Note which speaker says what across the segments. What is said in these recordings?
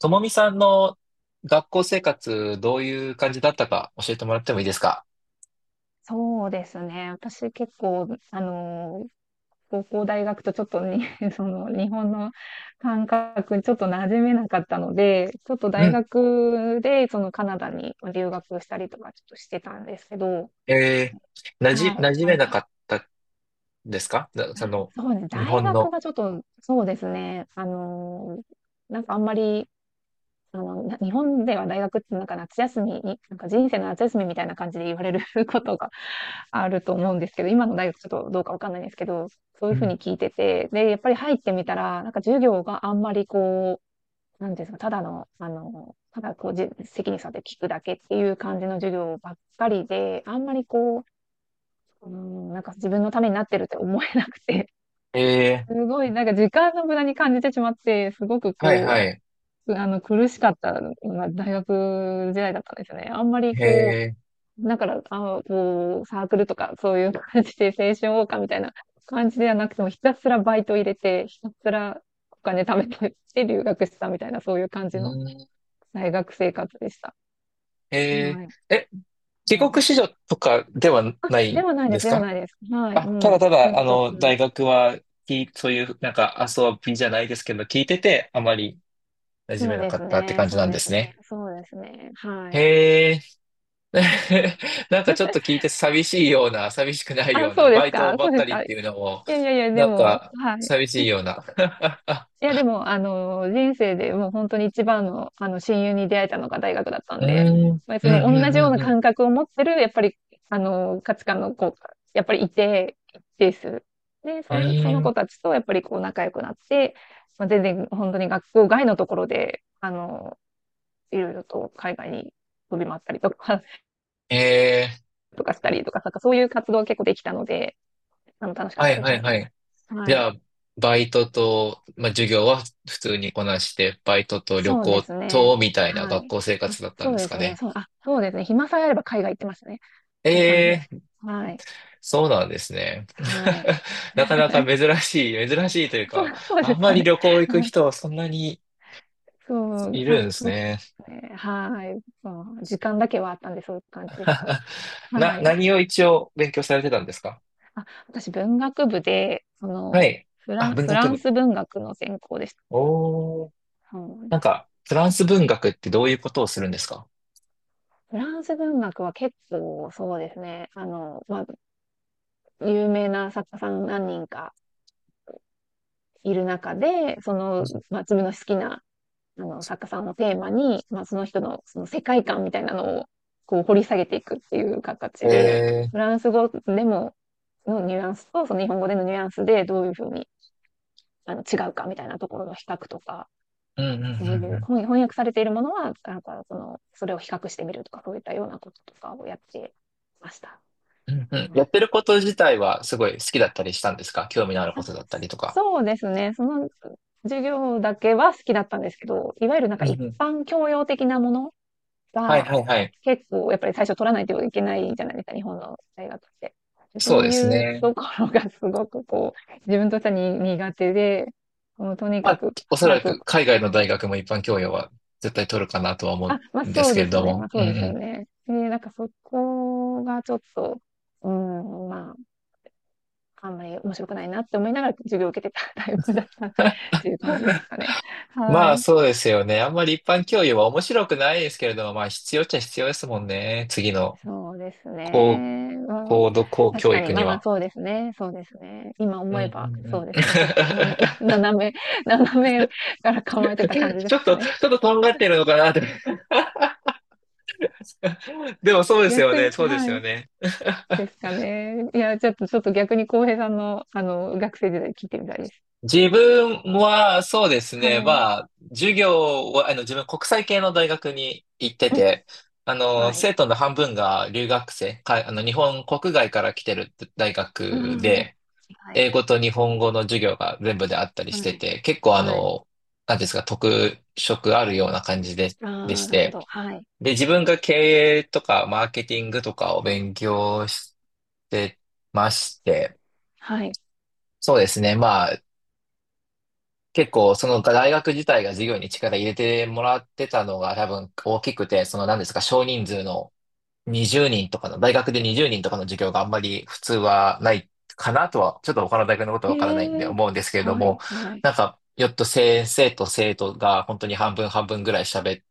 Speaker 1: ともみさんの学校生活、どういう感じだったか教えてもらってもいいですか？
Speaker 2: そうですね。私結構、高校大学とちょっとに、その日本の感覚にちょっと馴染めなかったので、ちょっと
Speaker 1: う
Speaker 2: 大
Speaker 1: ん。
Speaker 2: 学でそのカナダに留学したりとかちょっとしてたんですけど、はい、
Speaker 1: 馴染めなかったですか？その、
Speaker 2: そうですね。
Speaker 1: 日
Speaker 2: 大
Speaker 1: 本
Speaker 2: 学
Speaker 1: の？
Speaker 2: がちょっと、そうですね。あのなんかあんまり、あの、な日本では大学ってなんか夏休みに、なんか人生の夏休みみたいな感じで言われる ことがあると思うんですけど、今の大学ちょっとどうかわかんないんですけど、そういう
Speaker 1: う
Speaker 2: ふう
Speaker 1: ん。
Speaker 2: に聞いてて、で、やっぱり入ってみたら、なんか授業があんまりなんていうんですか、ただの、ただこう、責任って聞くだけっていう感じの授業ばっかりで、あんまりこう、うん、なんか自分のためになってるって思えなくて、
Speaker 1: え
Speaker 2: すごいなんか時間の無駄に感じてしまって、すごく
Speaker 1: はいは
Speaker 2: こ
Speaker 1: い。
Speaker 2: う、あの苦しかった、まあ、大学時代だったんですよね。あんまりこ
Speaker 1: え
Speaker 2: う、だから、サークルとか、そういう感じで、青春謳歌みたいな感じではなくても、ひたすらバイト入れて、ひたすらお金貯めて、で、留学したみたいな、そういう感じの
Speaker 1: うん、
Speaker 2: 大学生活でした。
Speaker 1: え
Speaker 2: はい。
Speaker 1: ー、え、帰
Speaker 2: う
Speaker 1: 国
Speaker 2: ん。
Speaker 1: 子女とかではな
Speaker 2: で
Speaker 1: い
Speaker 2: はないで
Speaker 1: で
Speaker 2: す、
Speaker 1: す
Speaker 2: では
Speaker 1: か？
Speaker 2: ないです。はい。う
Speaker 1: あ、た
Speaker 2: ん。
Speaker 1: だた
Speaker 2: 普
Speaker 1: だ、
Speaker 2: 通にこっちの。
Speaker 1: 大学は、そういう、なんか遊びじゃないですけど、聞いてて、あまり馴染
Speaker 2: そ
Speaker 1: め
Speaker 2: う
Speaker 1: な
Speaker 2: で
Speaker 1: か
Speaker 2: す
Speaker 1: ったって
Speaker 2: ね、
Speaker 1: 感じ
Speaker 2: そ
Speaker 1: な
Speaker 2: う
Speaker 1: んで
Speaker 2: です
Speaker 1: す
Speaker 2: ね、
Speaker 1: ね。
Speaker 2: そうですね。はい。
Speaker 1: へ、ね。 なんかちょっと 聞いて寂しいような、寂しくない
Speaker 2: あ、
Speaker 1: ような、
Speaker 2: そうで
Speaker 1: バ
Speaker 2: す
Speaker 1: イト
Speaker 2: か、
Speaker 1: ば
Speaker 2: そう
Speaker 1: っ
Speaker 2: です
Speaker 1: かり
Speaker 2: か。
Speaker 1: っ
Speaker 2: い
Speaker 1: ていうのも、
Speaker 2: やいやいや、で
Speaker 1: なん
Speaker 2: も、
Speaker 1: か
Speaker 2: はい。
Speaker 1: 寂しいような。
Speaker 2: い や、でも、あの、人生でもう本当に一番の、あの、親友に出会えたのが大学だった
Speaker 1: う
Speaker 2: ん
Speaker 1: ー
Speaker 2: で、
Speaker 1: ん、うん、
Speaker 2: まあ、
Speaker 1: う
Speaker 2: その同じよう
Speaker 1: ん、
Speaker 2: な
Speaker 1: うん、
Speaker 2: 感覚を持ってる、やっぱり、あの、価値観の子が、やっぱりいて、一定数。で、
Speaker 1: うん。う
Speaker 2: その
Speaker 1: ーん、
Speaker 2: 子たちと、やっぱりこう仲良くなって、まあ、全然本当に学校外のところで、あの、いろいろと海外に飛び回ったりとか、
Speaker 1: えー、
Speaker 2: とかしたりとか、なんかそういう活動が結構できたので、あの、楽しかっ
Speaker 1: は
Speaker 2: た
Speaker 1: い、
Speaker 2: です
Speaker 1: はい、
Speaker 2: ね。
Speaker 1: はい。じ
Speaker 2: は
Speaker 1: ゃ
Speaker 2: い。
Speaker 1: あ、バイトと、まあ、授業は普通にこなして、バイトと旅
Speaker 2: そうで
Speaker 1: 行
Speaker 2: すね。
Speaker 1: と、みたいな
Speaker 2: は
Speaker 1: 学
Speaker 2: い。
Speaker 1: 校生活だったん
Speaker 2: そう
Speaker 1: です
Speaker 2: です
Speaker 1: か
Speaker 2: ね。
Speaker 1: ね。
Speaker 2: そうですね。暇さえあれば海外行ってましたね。そんな感じで
Speaker 1: え
Speaker 2: す。
Speaker 1: え、
Speaker 2: はい。
Speaker 1: そうなんですね。
Speaker 2: はい。
Speaker 1: なかなか 珍しい、珍しいという
Speaker 2: そ
Speaker 1: か、
Speaker 2: う、そう
Speaker 1: あ
Speaker 2: で
Speaker 1: ん
Speaker 2: す
Speaker 1: ま
Speaker 2: か
Speaker 1: り
Speaker 2: ね。
Speaker 1: 旅行 行く
Speaker 2: はい。
Speaker 1: 人はそんなに
Speaker 2: そ
Speaker 1: いるんです
Speaker 2: そうで
Speaker 1: ね。
Speaker 2: すね。はい。そう時間だけはあったんで、そういう感じでした。はい。
Speaker 1: 何を一応勉強されてたんですか？
Speaker 2: あ、私、文学部で、そ
Speaker 1: は
Speaker 2: の、
Speaker 1: い。あ、文
Speaker 2: フ
Speaker 1: 学
Speaker 2: ラン
Speaker 1: 部。
Speaker 2: ス文学の専攻でした。
Speaker 1: おー。
Speaker 2: そう
Speaker 1: な
Speaker 2: で
Speaker 1: ん
Speaker 2: す。
Speaker 1: か、フランス文学ってどういうことをするんですか？
Speaker 2: フランス文学は結構、そうですね。あの、まあ、有名な作家さん何人かいる中で、その、まあ、自分の好きなあの、作家さんをテーマに、まあ、その人のその世界観みたいなのをこう掘り下げていくっていう
Speaker 1: え
Speaker 2: 形で、
Speaker 1: えー。
Speaker 2: フランス語でものニュアンスとその日本語でのニュアンスでどういうふうにあの違うかみたいなところの比較とか、
Speaker 1: うんうんう
Speaker 2: そう
Speaker 1: ん
Speaker 2: い
Speaker 1: う
Speaker 2: う
Speaker 1: ん。
Speaker 2: 本翻訳されているものは、なんかその、それを比較してみるとか、そういったようなこととかをやってました。
Speaker 1: うんうん。
Speaker 2: は
Speaker 1: や
Speaker 2: い。
Speaker 1: ってること自体はすごい好きだったりしたんですか？興味のあるこ
Speaker 2: あ、
Speaker 1: とだったりとか。
Speaker 2: そうですね。その授業だけは好きだったんですけど、いわゆるなん
Speaker 1: う
Speaker 2: か
Speaker 1: ん
Speaker 2: 一
Speaker 1: うん。
Speaker 2: 般教養的なもの
Speaker 1: はい
Speaker 2: が、
Speaker 1: はいはい。
Speaker 2: 結構やっぱり最初取らないといけないじゃないですか、日本の大学って。
Speaker 1: そ
Speaker 2: そ
Speaker 1: う
Speaker 2: う
Speaker 1: です
Speaker 2: いう
Speaker 1: ね。
Speaker 2: ところがすごくこう、自分としてはに苦手で、もうとに
Speaker 1: ま
Speaker 2: か
Speaker 1: あ、
Speaker 2: く
Speaker 1: おそ
Speaker 2: 早
Speaker 1: ら
Speaker 2: く、
Speaker 1: く海外の大学も一般教養は絶対取るかなとは思
Speaker 2: あ、まあ
Speaker 1: うんで
Speaker 2: そ
Speaker 1: す
Speaker 2: う
Speaker 1: け
Speaker 2: で
Speaker 1: れ
Speaker 2: すよ
Speaker 1: ど
Speaker 2: ね、ま
Speaker 1: も。
Speaker 2: あ
Speaker 1: う
Speaker 2: そうですよ
Speaker 1: ん
Speaker 2: ね。で、なんかそこがちょっと、うん、まあ、あんまり面白くないなって思いながら授業を受けてたタイプだっ
Speaker 1: う
Speaker 2: たっ
Speaker 1: ん。
Speaker 2: ていう感じです かね。は
Speaker 1: まあ
Speaker 2: い。
Speaker 1: そうですよね。あんまり一般教養は面白くないですけれども、まあ必要っちゃ必要ですもんね。次の
Speaker 2: そうです
Speaker 1: 高、
Speaker 2: ね。うん、
Speaker 1: 高度高
Speaker 2: 確
Speaker 1: 教
Speaker 2: かに、
Speaker 1: 育
Speaker 2: ま
Speaker 1: に
Speaker 2: あまあ、
Speaker 1: は。
Speaker 2: そうですね。そうですね。今
Speaker 1: うん
Speaker 2: 思え
Speaker 1: う
Speaker 2: ば、
Speaker 1: んう
Speaker 2: そ
Speaker 1: ん。
Speaker 2: うですね。ちょっと、斜めから構えてた感じで
Speaker 1: ちょ
Speaker 2: す
Speaker 1: っ
Speaker 2: か
Speaker 1: と、ち
Speaker 2: ね。
Speaker 1: ょっととんがってるのかなって。でもそうですよ
Speaker 2: 逆
Speaker 1: ね。
Speaker 2: に、
Speaker 1: そうで
Speaker 2: は
Speaker 1: すよ
Speaker 2: い。
Speaker 1: ね。
Speaker 2: で すかね。いや、ちょっと、ちょっと逆に浩平さんの、あの、学生時代聞いてみたいです。
Speaker 1: 自分はそうです
Speaker 2: は
Speaker 1: ね。
Speaker 2: い。
Speaker 1: まあ、授業は、自分国際系の大学に行って
Speaker 2: うん。
Speaker 1: て、
Speaker 2: はい。
Speaker 1: 生徒の半分が留学生、日本国外から来てる大
Speaker 2: あ
Speaker 1: 学
Speaker 2: あ、
Speaker 1: で、
Speaker 2: はい。
Speaker 1: 英語と日本語の授業が全部であったり
Speaker 2: は
Speaker 1: して
Speaker 2: い。
Speaker 1: て、結構
Speaker 2: はい。
Speaker 1: なんていうんですか、特色あるような感じで、
Speaker 2: あ
Speaker 1: でし
Speaker 2: あ、なるほ
Speaker 1: て、
Speaker 2: ど。はい。
Speaker 1: で、自分が経営とかマーケティングとかを勉強してまして、
Speaker 2: はい。
Speaker 1: そうですね、まあ、結構その大学自体が授業に力入れてもらってたのが多分大きくて、その何ですか、少人数の20人とかの、大学で20人とかの授業があんまり普通はないかなとは、ちょっと他の大学のこと
Speaker 2: え
Speaker 1: はわからないんで
Speaker 2: え。
Speaker 1: 思うんですけれど
Speaker 2: は
Speaker 1: も、
Speaker 2: い。はい。
Speaker 1: なんか、よっと先生と生徒が本当に半分半分ぐらい喋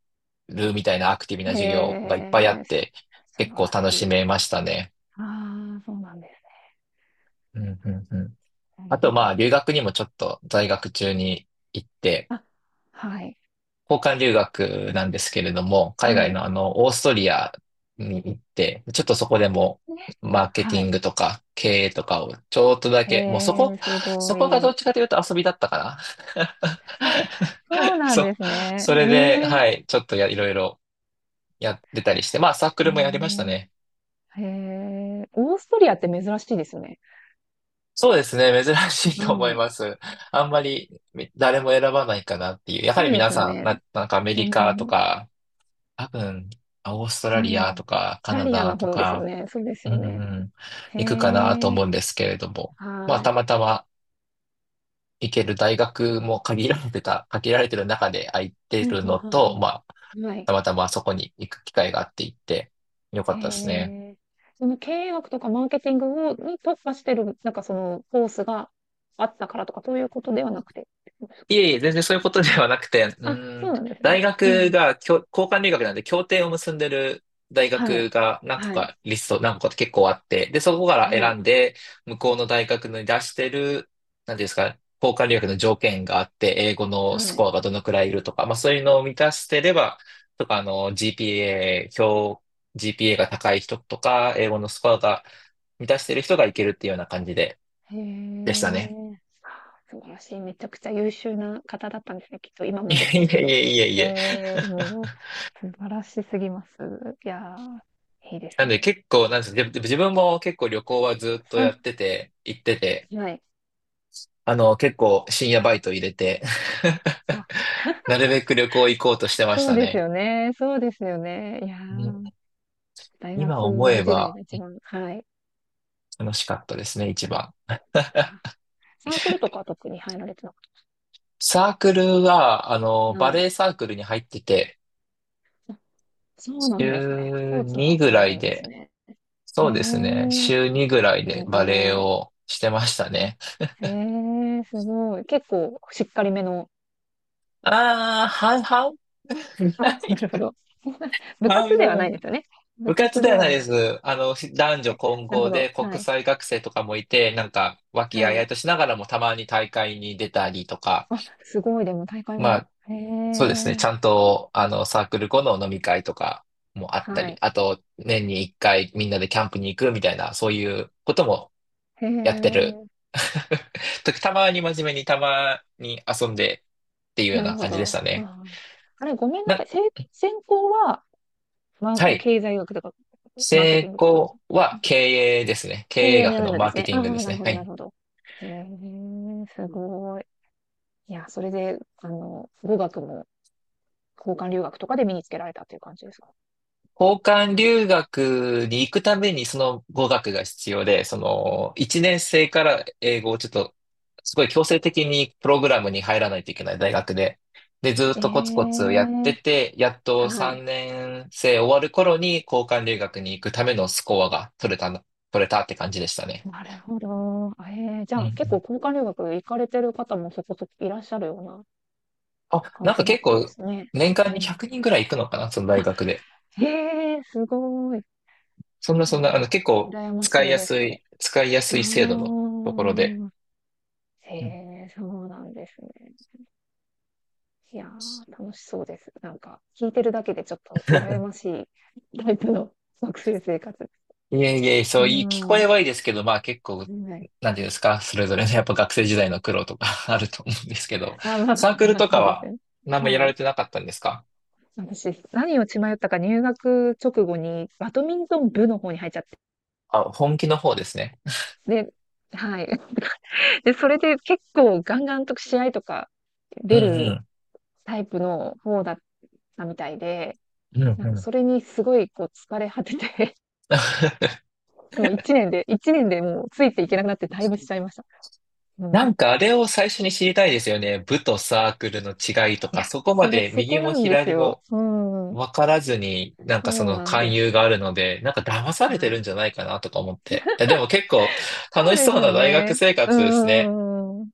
Speaker 1: るみたいなアクティブな授業
Speaker 2: え
Speaker 1: がいっぱいあ
Speaker 2: え。
Speaker 1: って、
Speaker 2: 素
Speaker 1: 結
Speaker 2: 晴
Speaker 1: 構
Speaker 2: ら
Speaker 1: 楽
Speaker 2: し
Speaker 1: し
Speaker 2: い。
Speaker 1: めましたね。
Speaker 2: ああ、そうなんです
Speaker 1: うんうんうん。
Speaker 2: ね。なる
Speaker 1: あと
Speaker 2: ほ
Speaker 1: まあ、
Speaker 2: ど。
Speaker 1: 留学にもちょっと在学中に行って、
Speaker 2: あ、はい。
Speaker 1: 交換留学なんですけれども、海
Speaker 2: は
Speaker 1: 外の
Speaker 2: い。
Speaker 1: あの、オーストリアに行って、ちょっとそこでも、
Speaker 2: ね。
Speaker 1: マーケテ
Speaker 2: は
Speaker 1: ィン
Speaker 2: い。
Speaker 1: グとか経営とかをちょっとだ
Speaker 2: へ
Speaker 1: け、もうそこ、
Speaker 2: え、す
Speaker 1: そ
Speaker 2: ご
Speaker 1: こがど
Speaker 2: い。
Speaker 1: っちかというと遊びだったかな。
Speaker 2: あ、そう なん
Speaker 1: そ、
Speaker 2: ですね。
Speaker 1: それで、はい、ちょっといろいろやってたりして、まあサーク
Speaker 2: え
Speaker 1: ルもやりましたね。
Speaker 2: え、へえ、へえ。オーストリアって珍しいですよね。
Speaker 1: そうですね、珍しいと思い
Speaker 2: はい。
Speaker 1: ます。あんまり誰も選ばないかなっていう。やは
Speaker 2: そ
Speaker 1: り
Speaker 2: うで
Speaker 1: 皆
Speaker 2: すよ
Speaker 1: さん、
Speaker 2: ね。
Speaker 1: なんかアメ
Speaker 2: う
Speaker 1: リカと
Speaker 2: ん。
Speaker 1: か、多分、オースト
Speaker 2: う
Speaker 1: ラリア
Speaker 2: ん。イ
Speaker 1: とか、カ
Speaker 2: タ
Speaker 1: ナ
Speaker 2: リア
Speaker 1: ダ
Speaker 2: の
Speaker 1: と
Speaker 2: 方ですよ
Speaker 1: か、
Speaker 2: ね。そうです
Speaker 1: うんう
Speaker 2: よね。
Speaker 1: ん、
Speaker 2: へ
Speaker 1: 行くかなと思
Speaker 2: え、
Speaker 1: うんですけれども、まあ、
Speaker 2: は
Speaker 1: た
Speaker 2: い。
Speaker 1: またま行ける大学も限られてた、限られてる中で空いて
Speaker 2: うん、う
Speaker 1: るの
Speaker 2: ん、う
Speaker 1: と、
Speaker 2: ん。
Speaker 1: まあ、
Speaker 2: うん。はい。
Speaker 1: たまたまそこに行く機会があって行って、よか
Speaker 2: へ
Speaker 1: ったですね。
Speaker 2: え。その経営学とかマーケティングを、に特化してる、なんかそのコースがあったからとか、そういうことではなくて。
Speaker 1: いえいえ、全然そういうことではなくて、う
Speaker 2: あ、そ
Speaker 1: ん、
Speaker 2: うなんです
Speaker 1: 大
Speaker 2: ね。う
Speaker 1: 学
Speaker 2: ん。
Speaker 1: が交換留学なんで協定を結んでる大
Speaker 2: は
Speaker 1: 学
Speaker 2: い。
Speaker 1: が何個
Speaker 2: はい。
Speaker 1: かリスト、何個かって結構あって、で、そこから
Speaker 2: はい。
Speaker 1: 選んで、向こうの大学に出してる、なんていうんですか、交換留学の条件があって、英語のス
Speaker 2: は
Speaker 1: コ
Speaker 2: い。
Speaker 1: アがどのくらいいるとか、まあそういうのを満たしてれば、とか、あの、GPA、GPA が高い人とか、英語のスコアが満たしてる人がいけるっていうような感じで、
Speaker 2: へ
Speaker 1: でしたね。
Speaker 2: え。素晴らしい。めちゃくちゃ優秀な方だったんですね。きっと今
Speaker 1: い
Speaker 2: もで
Speaker 1: え
Speaker 2: し
Speaker 1: いえ
Speaker 2: ょう
Speaker 1: い
Speaker 2: け
Speaker 1: え
Speaker 2: ど。
Speaker 1: いえい
Speaker 2: え
Speaker 1: え。
Speaker 2: え、もう、素晴らしすぎます。いやー、いいで
Speaker 1: な
Speaker 2: す
Speaker 1: んで
Speaker 2: ね。
Speaker 1: 結構、なんですか、自分も結構旅行はずっとや
Speaker 2: さ、
Speaker 1: ってて、行ってて、
Speaker 2: はい。
Speaker 1: あの、結構深夜バイト入れて
Speaker 2: あ、
Speaker 1: なるべく旅行行こうとしてまし
Speaker 2: そう
Speaker 1: た
Speaker 2: です
Speaker 1: ね。
Speaker 2: よね。そうですよね。いや
Speaker 1: うん。
Speaker 2: ー、大
Speaker 1: 今思
Speaker 2: 学
Speaker 1: え
Speaker 2: 時代
Speaker 1: ば
Speaker 2: が一番、はい。
Speaker 1: 楽しかったですね、一番。
Speaker 2: あ、サークルとかは特に入られてなかっ
Speaker 1: サークルは、あの、
Speaker 2: た。は
Speaker 1: バレ
Speaker 2: い。
Speaker 1: エサークルに入ってて、
Speaker 2: あ、そうなんですね。ス
Speaker 1: 週
Speaker 2: ポーツ
Speaker 1: 2
Speaker 2: も
Speaker 1: ぐ
Speaker 2: され
Speaker 1: ら
Speaker 2: る
Speaker 1: い
Speaker 2: んで
Speaker 1: で、
Speaker 2: すね。へ
Speaker 1: そうですね、
Speaker 2: え、
Speaker 1: 週2ぐらい
Speaker 2: す
Speaker 1: でバレエ
Speaker 2: ごい。
Speaker 1: をしてましたね。
Speaker 2: へえ、すごい。結構しっかりめの。
Speaker 1: ああ、半々
Speaker 2: あ、
Speaker 1: な
Speaker 2: な
Speaker 1: い
Speaker 2: るほ
Speaker 1: か。
Speaker 2: ど。部
Speaker 1: 半
Speaker 2: 活ではな
Speaker 1: 分。
Speaker 2: いですよね。部
Speaker 1: 部活
Speaker 2: 活
Speaker 1: で
Speaker 2: で
Speaker 1: は
Speaker 2: は
Speaker 1: ないで
Speaker 2: な、
Speaker 1: す。あの、男女混
Speaker 2: なるほ
Speaker 1: 合で
Speaker 2: ど。は
Speaker 1: 国
Speaker 2: い。
Speaker 1: 際学生とかもいて、なんか、和気あ
Speaker 2: は
Speaker 1: いあい
Speaker 2: い。
Speaker 1: としながらもたまに大会に出たりとか、
Speaker 2: あ、すごい。でも大会
Speaker 1: ま
Speaker 2: も。
Speaker 1: あ、
Speaker 2: へ
Speaker 1: そうですね。
Speaker 2: え、
Speaker 1: ちゃんと、あの、サークル後の飲み会とかもあった
Speaker 2: は
Speaker 1: り、
Speaker 2: い。
Speaker 1: あと、年に一回みんなでキャンプに行くみたいな、そういうことも
Speaker 2: へ
Speaker 1: やってる。
Speaker 2: え、
Speaker 1: 時たまに真面目に、たまに遊んでっていうよう
Speaker 2: なる
Speaker 1: な
Speaker 2: ほ
Speaker 1: 感じでし
Speaker 2: ど。
Speaker 1: た
Speaker 2: あ
Speaker 1: ね。
Speaker 2: ー、あれ、ごめんな
Speaker 1: な、
Speaker 2: さい。専攻は、ま、
Speaker 1: はい。
Speaker 2: 経済学とか、マーケテ
Speaker 1: 成
Speaker 2: ィングとかそっち。
Speaker 1: 功は経営ですね。経
Speaker 2: 経
Speaker 1: 営
Speaker 2: 営にな
Speaker 1: 学の
Speaker 2: るん
Speaker 1: マ
Speaker 2: で
Speaker 1: ー
Speaker 2: す
Speaker 1: ケ
Speaker 2: ね。
Speaker 1: テ
Speaker 2: あ
Speaker 1: ィングで
Speaker 2: あ、
Speaker 1: す
Speaker 2: なる
Speaker 1: ね。
Speaker 2: ほ
Speaker 1: は
Speaker 2: ど、なる
Speaker 1: い。
Speaker 2: ほど。へえ、すごい。いや、それで、あの、語学も交換留学とかで身につけられたっていう感じですか？
Speaker 1: 交換留学に行くためにその語学が必要で、その1年生から英語をちょっとすごい強制的にプログラムに入らないといけない大学で。で、ずっ
Speaker 2: え
Speaker 1: とコツコツやって
Speaker 2: え、
Speaker 1: て、やっと
Speaker 2: はい。
Speaker 1: 3年生終わる頃に交換留学に行くためのスコアが取れたの、取れたって感じでしたね。
Speaker 2: なるほど。あ、ええ、じゃ
Speaker 1: う
Speaker 2: あ、
Speaker 1: んう
Speaker 2: 結構
Speaker 1: ん。
Speaker 2: 交換留学行かれてる方もそこそこいらっしゃるような
Speaker 1: あ、な
Speaker 2: 環
Speaker 1: んか
Speaker 2: 境だっ
Speaker 1: 結
Speaker 2: たんで
Speaker 1: 構
Speaker 2: すね。
Speaker 1: 年間に
Speaker 2: うん。
Speaker 1: 100人ぐらい行くのかな、その大学で。
Speaker 2: へえ、すごい。
Speaker 1: そんなそんな、あの
Speaker 2: あ
Speaker 1: 結
Speaker 2: ー、
Speaker 1: 構
Speaker 2: 羨ましいです、それ。
Speaker 1: 使いや
Speaker 2: あ
Speaker 1: すい制度のところで。
Speaker 2: あ。へ
Speaker 1: うん。
Speaker 2: え、そうなんですね。いやー、楽しそうです。なんか、聞いてるだけでちょっと羨ましいタイプの 学生生活。
Speaker 1: いえいえ、そ
Speaker 2: う
Speaker 1: ういい、聞こえ
Speaker 2: ん。
Speaker 1: はいいですけど、まあ結構、
Speaker 2: はい。
Speaker 1: なんていうんですか、それぞれのやっぱ学生時代の苦労とか あると思うんですけど、
Speaker 2: あ、わか
Speaker 1: サークル
Speaker 2: ま
Speaker 1: と
Speaker 2: す
Speaker 1: か
Speaker 2: です
Speaker 1: は
Speaker 2: ね。
Speaker 1: 何もや
Speaker 2: は
Speaker 1: られ
Speaker 2: い。
Speaker 1: てなかったんですか？
Speaker 2: 私、何を血迷ったか入学直後にバドミントン部の方に入っちゃって。
Speaker 1: あ、本気の方ですね。
Speaker 2: で、はい。で、それで結構ガンガンと試合とか
Speaker 1: うん
Speaker 2: 出
Speaker 1: う
Speaker 2: る
Speaker 1: ん。
Speaker 2: タイプの方だったみたいで、
Speaker 1: うんう
Speaker 2: なんか
Speaker 1: ん。
Speaker 2: それにすごいこう疲れ果てて、 もう一年で、一年でもうついていけなくなってだいぶしちゃいました。う
Speaker 1: な
Speaker 2: ん。
Speaker 1: んかあれを最初に知りたいですよね。部とサークルの違いと
Speaker 2: い
Speaker 1: か、
Speaker 2: や、
Speaker 1: そこま
Speaker 2: それ、
Speaker 1: で
Speaker 2: そ
Speaker 1: 右
Speaker 2: こ
Speaker 1: も
Speaker 2: なんです
Speaker 1: 左
Speaker 2: よ。
Speaker 1: も
Speaker 2: うん。
Speaker 1: 分からずに、なん
Speaker 2: そ
Speaker 1: かそ
Speaker 2: う
Speaker 1: の
Speaker 2: なん
Speaker 1: 勧
Speaker 2: です。
Speaker 1: 誘があるので、なんか騙されて
Speaker 2: は
Speaker 1: るん
Speaker 2: い。
Speaker 1: じゃないかなとか思って。いやでも結構
Speaker 2: そ
Speaker 1: 楽
Speaker 2: う
Speaker 1: し
Speaker 2: です
Speaker 1: そう
Speaker 2: よ
Speaker 1: な大学
Speaker 2: ね。
Speaker 1: 生
Speaker 2: うー
Speaker 1: 活ですね。
Speaker 2: ん。